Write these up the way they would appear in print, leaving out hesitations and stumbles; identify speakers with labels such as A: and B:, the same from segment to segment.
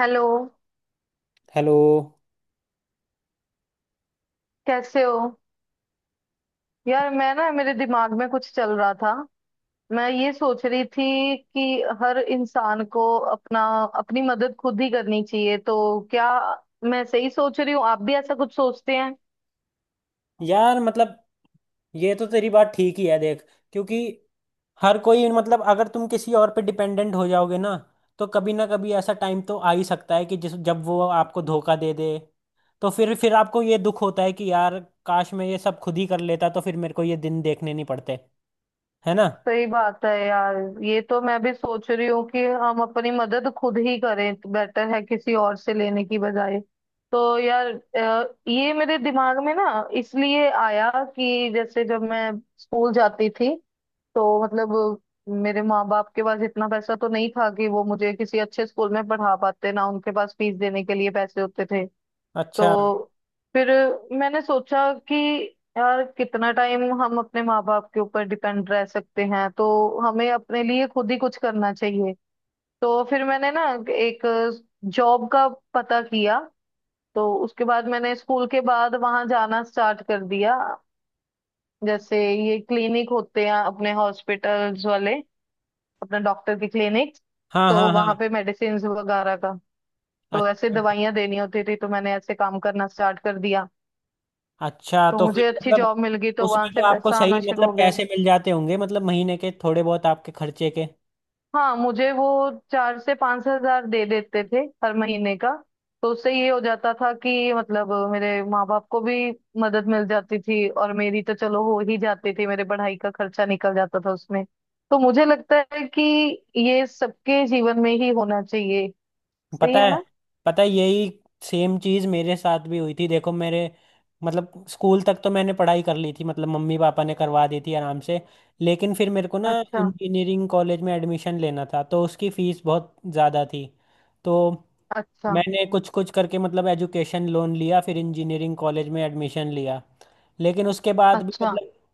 A: Hello.
B: Hello.
A: कैसे हो। यार मैं ना मेरे दिमाग में कुछ चल रहा था। मैं ये सोच रही थी कि हर इंसान को अपना अपनी मदद खुद ही करनी चाहिए। तो क्या मैं सही सोच रही हूँ? आप भी ऐसा कुछ सोचते हैं?
B: यार मतलब ये तो तेरी बात ठीक ही है, देख, क्योंकि हर कोई मतलब अगर तुम किसी और पे डिपेंडेंट हो जाओगे ना, तो कभी ना कभी ऐसा टाइम तो आ ही सकता है कि जिस जब वो आपको धोखा दे दे, तो फिर आपको ये दुख होता है कि यार, काश मैं ये सब खुद ही कर लेता तो फिर मेरे को ये दिन देखने नहीं पड़ते। है ना।
A: सही बात है यार। ये तो मैं भी सोच रही हूँ कि हम अपनी मदद खुद ही करें तो बेटर है किसी और से लेने की बजाय। तो यार ये मेरे दिमाग में ना इसलिए आया कि जैसे जब मैं स्कूल जाती थी तो मतलब मेरे माँ बाप के पास इतना पैसा तो नहीं था कि वो मुझे किसी अच्छे स्कूल में पढ़ा पाते ना उनके पास फीस देने के लिए पैसे होते थे।
B: अच्छा।
A: तो फिर मैंने सोचा कि यार कितना टाइम हम अपने माँ बाप के ऊपर डिपेंड रह सकते हैं, तो हमें अपने लिए खुद ही कुछ करना चाहिए। तो फिर मैंने ना एक जॉब का पता किया। तो उसके बाद मैंने स्कूल के बाद वहां जाना स्टार्ट कर दिया। जैसे ये क्लिनिक होते हैं अपने हॉस्पिटल्स वाले, अपना डॉक्टर की क्लिनिक।
B: हाँ
A: तो
B: हाँ हाँ।
A: वहां पे मेडिसिन वगैरह का, तो ऐसे
B: अच्छा,
A: दवाइयां देनी होती थी, तो मैंने ऐसे काम करना स्टार्ट कर दिया।
B: अच्छा
A: तो
B: तो फिर
A: मुझे अच्छी
B: मतलब
A: जॉब मिल गई, तो वहां
B: उसमें
A: से
B: तो आपको
A: पैसा
B: सही
A: आना शुरू
B: मतलब
A: हो गया।
B: पैसे मिल जाते होंगे, मतलब महीने के थोड़े बहुत आपके खर्चे के।
A: हाँ, मुझे वो 4 से 5 हज़ार दे देते थे हर महीने का। तो उससे ये हो जाता था कि मतलब मेरे माँ बाप को भी मदद मिल जाती थी, और मेरी तो चलो हो ही जाती थी, मेरे पढ़ाई का खर्चा निकल जाता था उसमें। तो मुझे लगता है कि ये सबके जीवन में ही होना चाहिए। सही
B: पता
A: है
B: है,
A: ना?
B: पता है, यही सेम चीज मेरे साथ भी हुई थी। देखो मेरे मतलब स्कूल तक तो मैंने पढ़ाई कर ली थी, मतलब मम्मी पापा ने करवा दी थी आराम से, लेकिन फिर मेरे को ना
A: अच्छा।
B: इंजीनियरिंग कॉलेज में एडमिशन लेना था, तो उसकी फीस बहुत ज़्यादा थी। तो
A: अच्छा।
B: मैंने कुछ कुछ करके मतलब एजुकेशन लोन लिया, फिर इंजीनियरिंग कॉलेज में एडमिशन लिया। लेकिन उसके बाद भी
A: अच्छा।
B: मतलब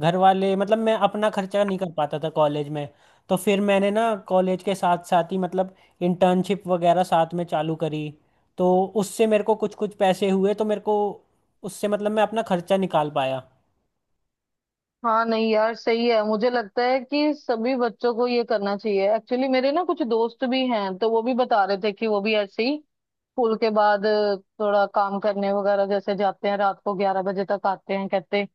B: घर वाले मतलब मैं अपना खर्चा नहीं कर पाता था कॉलेज में। तो फिर मैंने ना कॉलेज के साथ साथ ही मतलब इंटर्नशिप वगैरह साथ में चालू करी। तो उससे मेरे को कुछ कुछ पैसे हुए, तो मेरे को उससे मतलब मैं अपना खर्चा निकाल पाया।
A: हाँ, नहीं यार सही है। मुझे लगता है कि सभी बच्चों को ये करना चाहिए एक्चुअली। मेरे ना कुछ दोस्त भी हैं, तो वो भी बता रहे थे कि वो भी ऐसे ही स्कूल के बाद थोड़ा काम करने वगैरह जैसे जाते हैं। रात को 11 बजे तक आते हैं। कहते हैं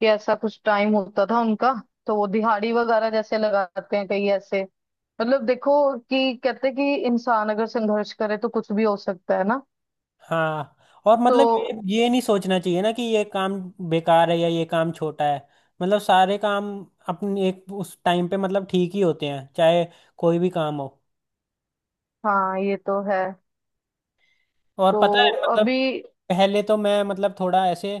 A: कि ऐसा कुछ टाइम होता था उनका। तो वो दिहाड़ी वगैरह जैसे लगाते हैं कहीं ऐसे। मतलब देखो कि कहते हैं कि इंसान अगर संघर्ष करे तो कुछ भी हो सकता है ना।
B: हाँ, और
A: तो
B: मतलब ये नहीं सोचना चाहिए ना कि ये काम बेकार है या ये काम छोटा है। मतलब सारे काम अपने एक उस टाइम पे मतलब ठीक ही होते हैं, चाहे कोई भी काम हो।
A: हाँ, ये तो है।
B: और
A: तो
B: पता है मतलब
A: अभी
B: पहले तो मैं मतलब थोड़ा ऐसे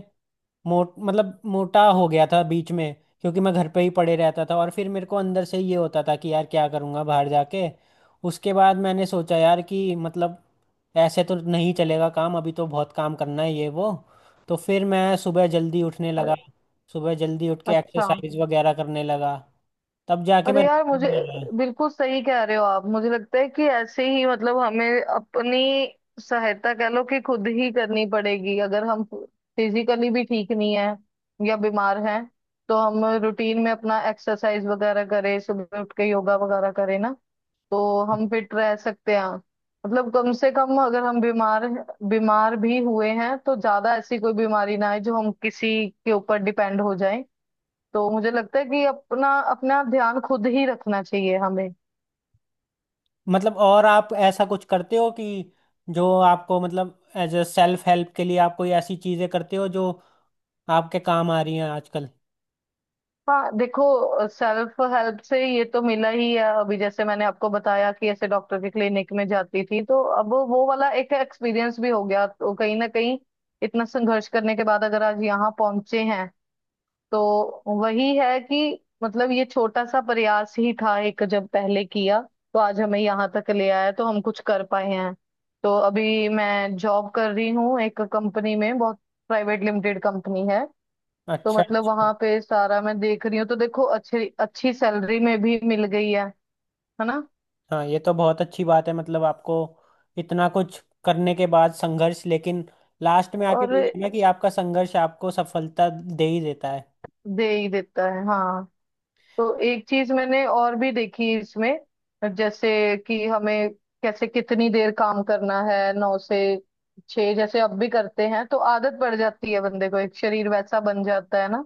B: मोटा हो गया था बीच में, क्योंकि मैं घर पे ही पड़े रहता था, और फिर मेरे को अंदर से ये होता था कि यार क्या करूँगा बाहर जाके। उसके बाद मैंने सोचा यार कि मतलब ऐसे तो नहीं चलेगा काम, अभी तो बहुत काम करना है ये वो। तो फिर मैं सुबह जल्दी उठने
A: अ,
B: लगा, सुबह जल्दी उठ के
A: अच्छा।
B: एक्सरसाइज वगैरह करने लगा। तब जाके मैं
A: अरे यार, मुझे
B: routine में आया।
A: बिल्कुल सही कह रहे हो आप। मुझे लगता है कि ऐसे ही मतलब हमें अपनी सहायता कह लो कि खुद ही करनी पड़ेगी। अगर हम फिजिकली भी ठीक नहीं है या बीमार हैं, तो हम रूटीन में अपना एक्सरसाइज वगैरह करें, सुबह उठ के योगा वगैरह करें ना, तो हम फिट रह सकते हैं। मतलब कम से कम अगर हम बीमार बीमार भी हुए हैं तो ज्यादा ऐसी कोई बीमारी ना आए जो हम किसी के ऊपर डिपेंड हो जाए। तो मुझे लगता है कि अपना अपना ध्यान खुद ही रखना चाहिए हमें।
B: मतलब और आप ऐसा कुछ करते हो कि जो आपको मतलब एज अ सेल्फ हेल्प के लिए आप कोई ऐसी चीज़ें करते हो जो आपके काम आ रही हैं आजकल?
A: हाँ देखो, सेल्फ हेल्प से ये तो मिला ही है। अभी जैसे मैंने आपको बताया कि ऐसे डॉक्टर की क्लिनिक में जाती थी, तो अब वो वाला एक एक्सपीरियंस भी हो गया। तो कहीं ना कहीं इतना संघर्ष करने के बाद अगर आज यहाँ पहुंचे हैं, तो वही है कि मतलब ये छोटा सा प्रयास ही था एक, जब पहले किया, तो आज हमें यहाँ तक ले आया, तो हम कुछ कर पाए हैं। तो अभी मैं जॉब कर रही हूँ एक कंपनी में, बहुत प्राइवेट लिमिटेड कंपनी है। तो
B: अच्छा
A: मतलब
B: अच्छा।
A: वहां पे सारा मैं देख रही हूँ। तो देखो, अच्छी अच्छी सैलरी में भी मिल गई है। है ना?
B: हाँ, ये तो बहुत अच्छी बात है, मतलब आपको इतना कुछ करने के बाद संघर्ष, लेकिन लास्ट में आके वही
A: और
B: है ना कि आपका संघर्ष आपको सफलता दे ही देता है।
A: दे ही देता है। हाँ। तो एक चीज मैंने और भी देखी इसमें। जैसे कि हमें कैसे कितनी देर काम करना है। 9 से 6 जैसे अब भी करते हैं, तो आदत पड़ जाती है बंदे को, एक शरीर वैसा बन जाता है ना।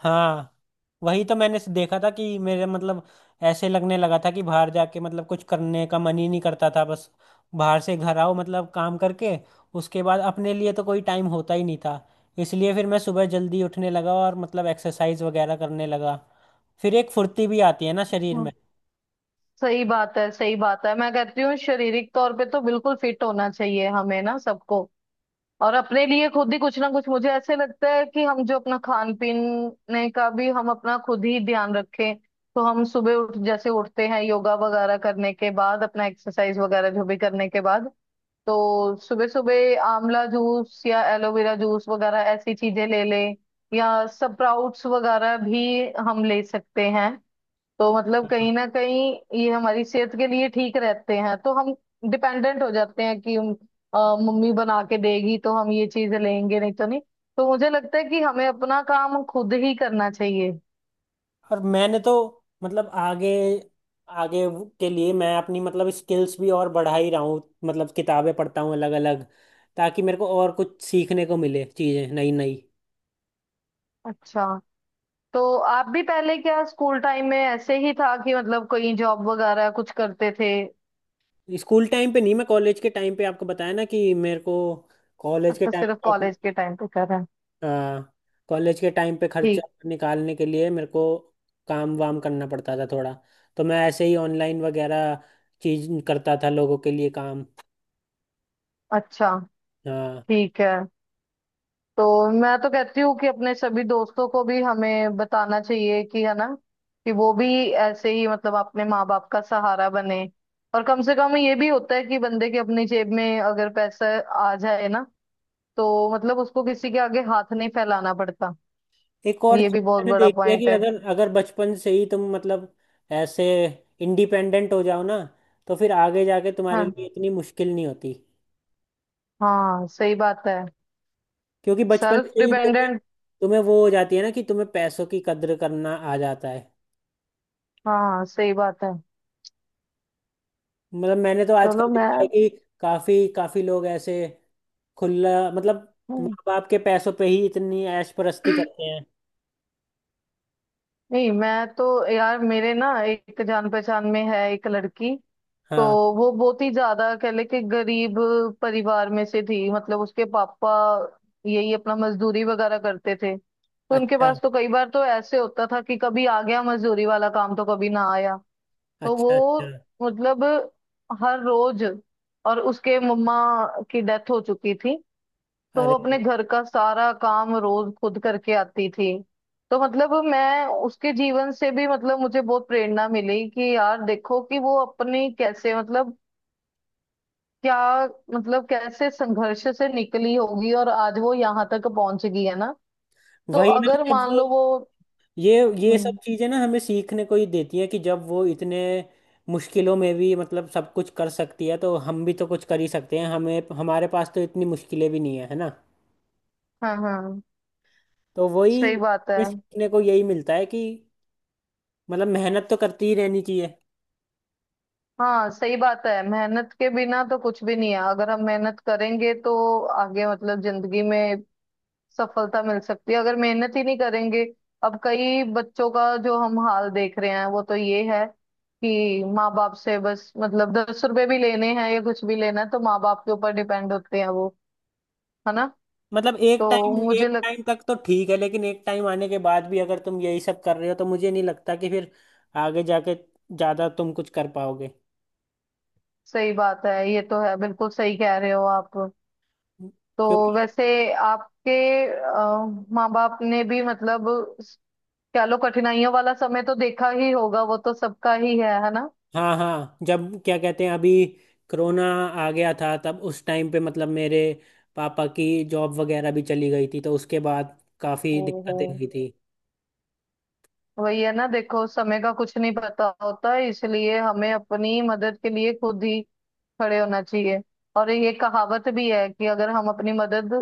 B: हाँ, वही तो मैंने देखा था कि मेरे मतलब ऐसे लगने लगा था कि बाहर जाके मतलब कुछ करने का मन ही नहीं करता था, बस बाहर से घर आओ मतलब काम करके, उसके बाद अपने लिए तो कोई टाइम होता ही नहीं था। इसलिए फिर मैं सुबह जल्दी उठने लगा और मतलब एक्सरसाइज वगैरह करने लगा, फिर एक फुर्ती भी आती है ना शरीर में।
A: हाँ सही बात है। सही बात है। मैं कहती हूँ शारीरिक तौर पे तो बिल्कुल फिट होना चाहिए हमें ना सबको। और अपने लिए खुद ही कुछ ना कुछ, मुझे ऐसे लगता है कि हम जो अपना खान पीने का भी हम अपना खुद ही ध्यान रखें। तो हम सुबह उठ जैसे उठते हैं, योगा वगैरह करने के बाद अपना एक्सरसाइज वगैरह जो भी करने के बाद, तो सुबह सुबह आंवला जूस या एलोवेरा जूस वगैरह ऐसी चीजें ले लें, या स्प्राउट्स वगैरह भी हम ले सकते हैं। तो मतलब कहीं ना कहीं ये हमारी सेहत के लिए ठीक रहते हैं। तो हम डिपेंडेंट हो जाते हैं कि अ, मम्मी बना के देगी तो हम ये चीजें लेंगे, नहीं तो नहीं। तो मुझे लगता है कि हमें अपना काम खुद ही करना चाहिए।
B: और मैंने तो मतलब आगे आगे के लिए मैं अपनी मतलब स्किल्स भी और बढ़ा ही रहा हूँ, मतलब किताबें पढ़ता हूँ अलग अलग, ताकि मेरे को और कुछ सीखने को मिले चीज़ें नई नई।
A: अच्छा, तो आप भी पहले क्या स्कूल टाइम में ऐसे ही था कि मतलब कोई जॉब वगैरह कुछ करते थे?
B: स्कूल टाइम पे नहीं, मैं कॉलेज के टाइम पे आपको बताया ना, कि मेरे को कॉलेज के
A: अच्छा,
B: टाइम
A: सिर्फ
B: पे अपनी,
A: कॉलेज के टाइम पे कर रहे हैं।
B: हाँ, कॉलेज के टाइम पे खर्चा
A: ठीक।
B: निकालने के लिए मेरे को काम वाम करना पड़ता था थोड़ा। तो मैं ऐसे ही ऑनलाइन वगैरह चीज करता था लोगों के लिए काम।
A: अच्छा।
B: हाँ।
A: ठीक है। तो मैं तो कहती हूँ कि अपने सभी दोस्तों को भी हमें बताना चाहिए, कि है ना, कि वो भी ऐसे ही मतलब अपने माँ बाप का सहारा बने। और कम से कम ये भी होता है कि बंदे के अपनी जेब में अगर पैसा आ जाए ना, तो मतलब उसको किसी के आगे हाथ नहीं फैलाना पड़ता।
B: एक और
A: ये भी
B: चीज
A: बहुत
B: मैंने
A: बड़ा
B: देखी है
A: पॉइंट
B: कि
A: है।
B: अगर अगर बचपन से ही तुम मतलब ऐसे इंडिपेंडेंट हो जाओ ना, तो फिर आगे जाके तुम्हारे
A: हाँ
B: लिए इतनी मुश्किल नहीं होती,
A: हाँ, सही बात है।
B: क्योंकि बचपन
A: सेल्फ
B: से ही तुम्हें
A: डिपेंडेंट।
B: तुम्हें वो हो जाती है ना कि तुम्हें पैसों की कद्र करना आ जाता है।
A: हाँ सही बात है।
B: मतलब मैंने तो
A: चलो
B: आजकल
A: मैं
B: देखा है कि काफी काफी लोग ऐसे खुला मतलब माँ
A: हम्म।
B: बाप के पैसों पे ही इतनी ऐश परस्ती करते हैं।
A: नहीं मैं तो, यार मेरे ना एक जान पहचान में है एक लड़की। तो
B: हाँ।
A: वो बहुत ही ज्यादा कह ले कि गरीब परिवार में से थी। मतलब उसके पापा यही अपना मजदूरी वगैरह करते थे, तो उनके
B: अच्छा
A: पास तो कई बार तो ऐसे होता था कि कभी आ गया मजदूरी वाला काम, तो कभी ना आया। तो
B: अच्छा
A: वो
B: अच्छा।
A: मतलब हर रोज और उसके मम्मा की डेथ हो चुकी थी, तो वो अपने
B: अरे
A: घर का सारा काम रोज खुद करके आती थी। तो मतलब मैं उसके जीवन से भी मतलब मुझे बहुत प्रेरणा मिली कि यार देखो कि वो अपनी कैसे मतलब, क्या मतलब कैसे संघर्ष से निकली होगी, और आज वो यहाँ तक पहुंच गई है ना। तो
B: वही ना,
A: अगर
B: जब
A: मान
B: वो
A: लो वो,
B: ये ये
A: हम्म।
B: सब चीज़ें ना हमें सीखने को ही देती है कि जब वो इतने मुश्किलों में भी मतलब सब कुछ कर सकती है, तो हम भी तो कुछ कर ही सकते हैं, हमें हमारे पास तो इतनी मुश्किलें भी नहीं है, है ना।
A: हाँ हाँ,
B: तो वही
A: सही बात है।
B: ये सीखने को यही मिलता है कि मतलब मेहनत तो करती ही रहनी चाहिए।
A: हाँ सही बात है। मेहनत के बिना तो कुछ भी नहीं है। अगर हम मेहनत करेंगे तो आगे मतलब जिंदगी में सफलता मिल सकती है, अगर मेहनत ही नहीं करेंगे। अब कई बच्चों का जो हम हाल देख रहे हैं, वो तो ये है कि माँ बाप से बस मतलब 10 रुपए भी लेने हैं या कुछ भी लेना है तो माँ बाप के ऊपर डिपेंड होते हैं वो। है ना?
B: मतलब
A: तो मुझे
B: एक
A: लग
B: टाइम तक तो ठीक है, लेकिन एक टाइम आने के बाद भी अगर तुम यही सब कर रहे हो, तो मुझे नहीं लगता कि फिर आगे जाके ज़्यादा तुम कुछ कर पाओगे।
A: सही बात है, ये तो है, बिल्कुल सही कह रहे हो आप। तो
B: क्योंकि
A: वैसे आपके माँ बाप ने भी मतलब स- कह लो कठिनाइयों वाला समय तो देखा ही होगा। वो तो सबका ही है ना?
B: हाँ हाँ, जब क्या कहते हैं, अभी कोरोना आ गया था तब उस टाइम पे मतलब मेरे पापा की जॉब वगैरह भी चली गई थी, तो उसके बाद काफ़ी दिक्कतें
A: हम्म।
B: हुई थी।
A: वही है ना, देखो समय का कुछ नहीं पता होता, इसलिए हमें अपनी मदद के लिए खुद ही खड़े होना चाहिए। और ये कहावत भी है कि अगर हम अपनी मदद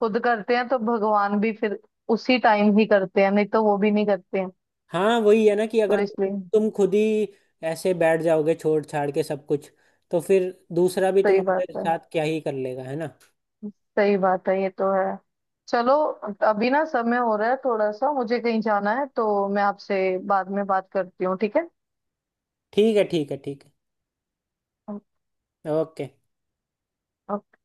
A: खुद करते हैं तो भगवान भी फिर उसी टाइम ही करते हैं, नहीं तो वो भी नहीं करते हैं।
B: हाँ, वही है ना कि
A: तो
B: अगर तुम
A: इसलिए
B: तुम खुद ही ऐसे बैठ जाओगे छोड़ छाड़ के सब कुछ, तो फिर दूसरा भी
A: सही बात
B: तुम्हारे
A: है।
B: साथ क्या ही कर लेगा, है ना।
A: सही बात है, ये तो है। चलो अभी ना समय हो रहा है थोड़ा सा, मुझे कहीं जाना है, तो मैं आपसे बाद में बात करती हूँ। ठीक
B: ठीक है ठीक है ठीक है ओके।
A: है।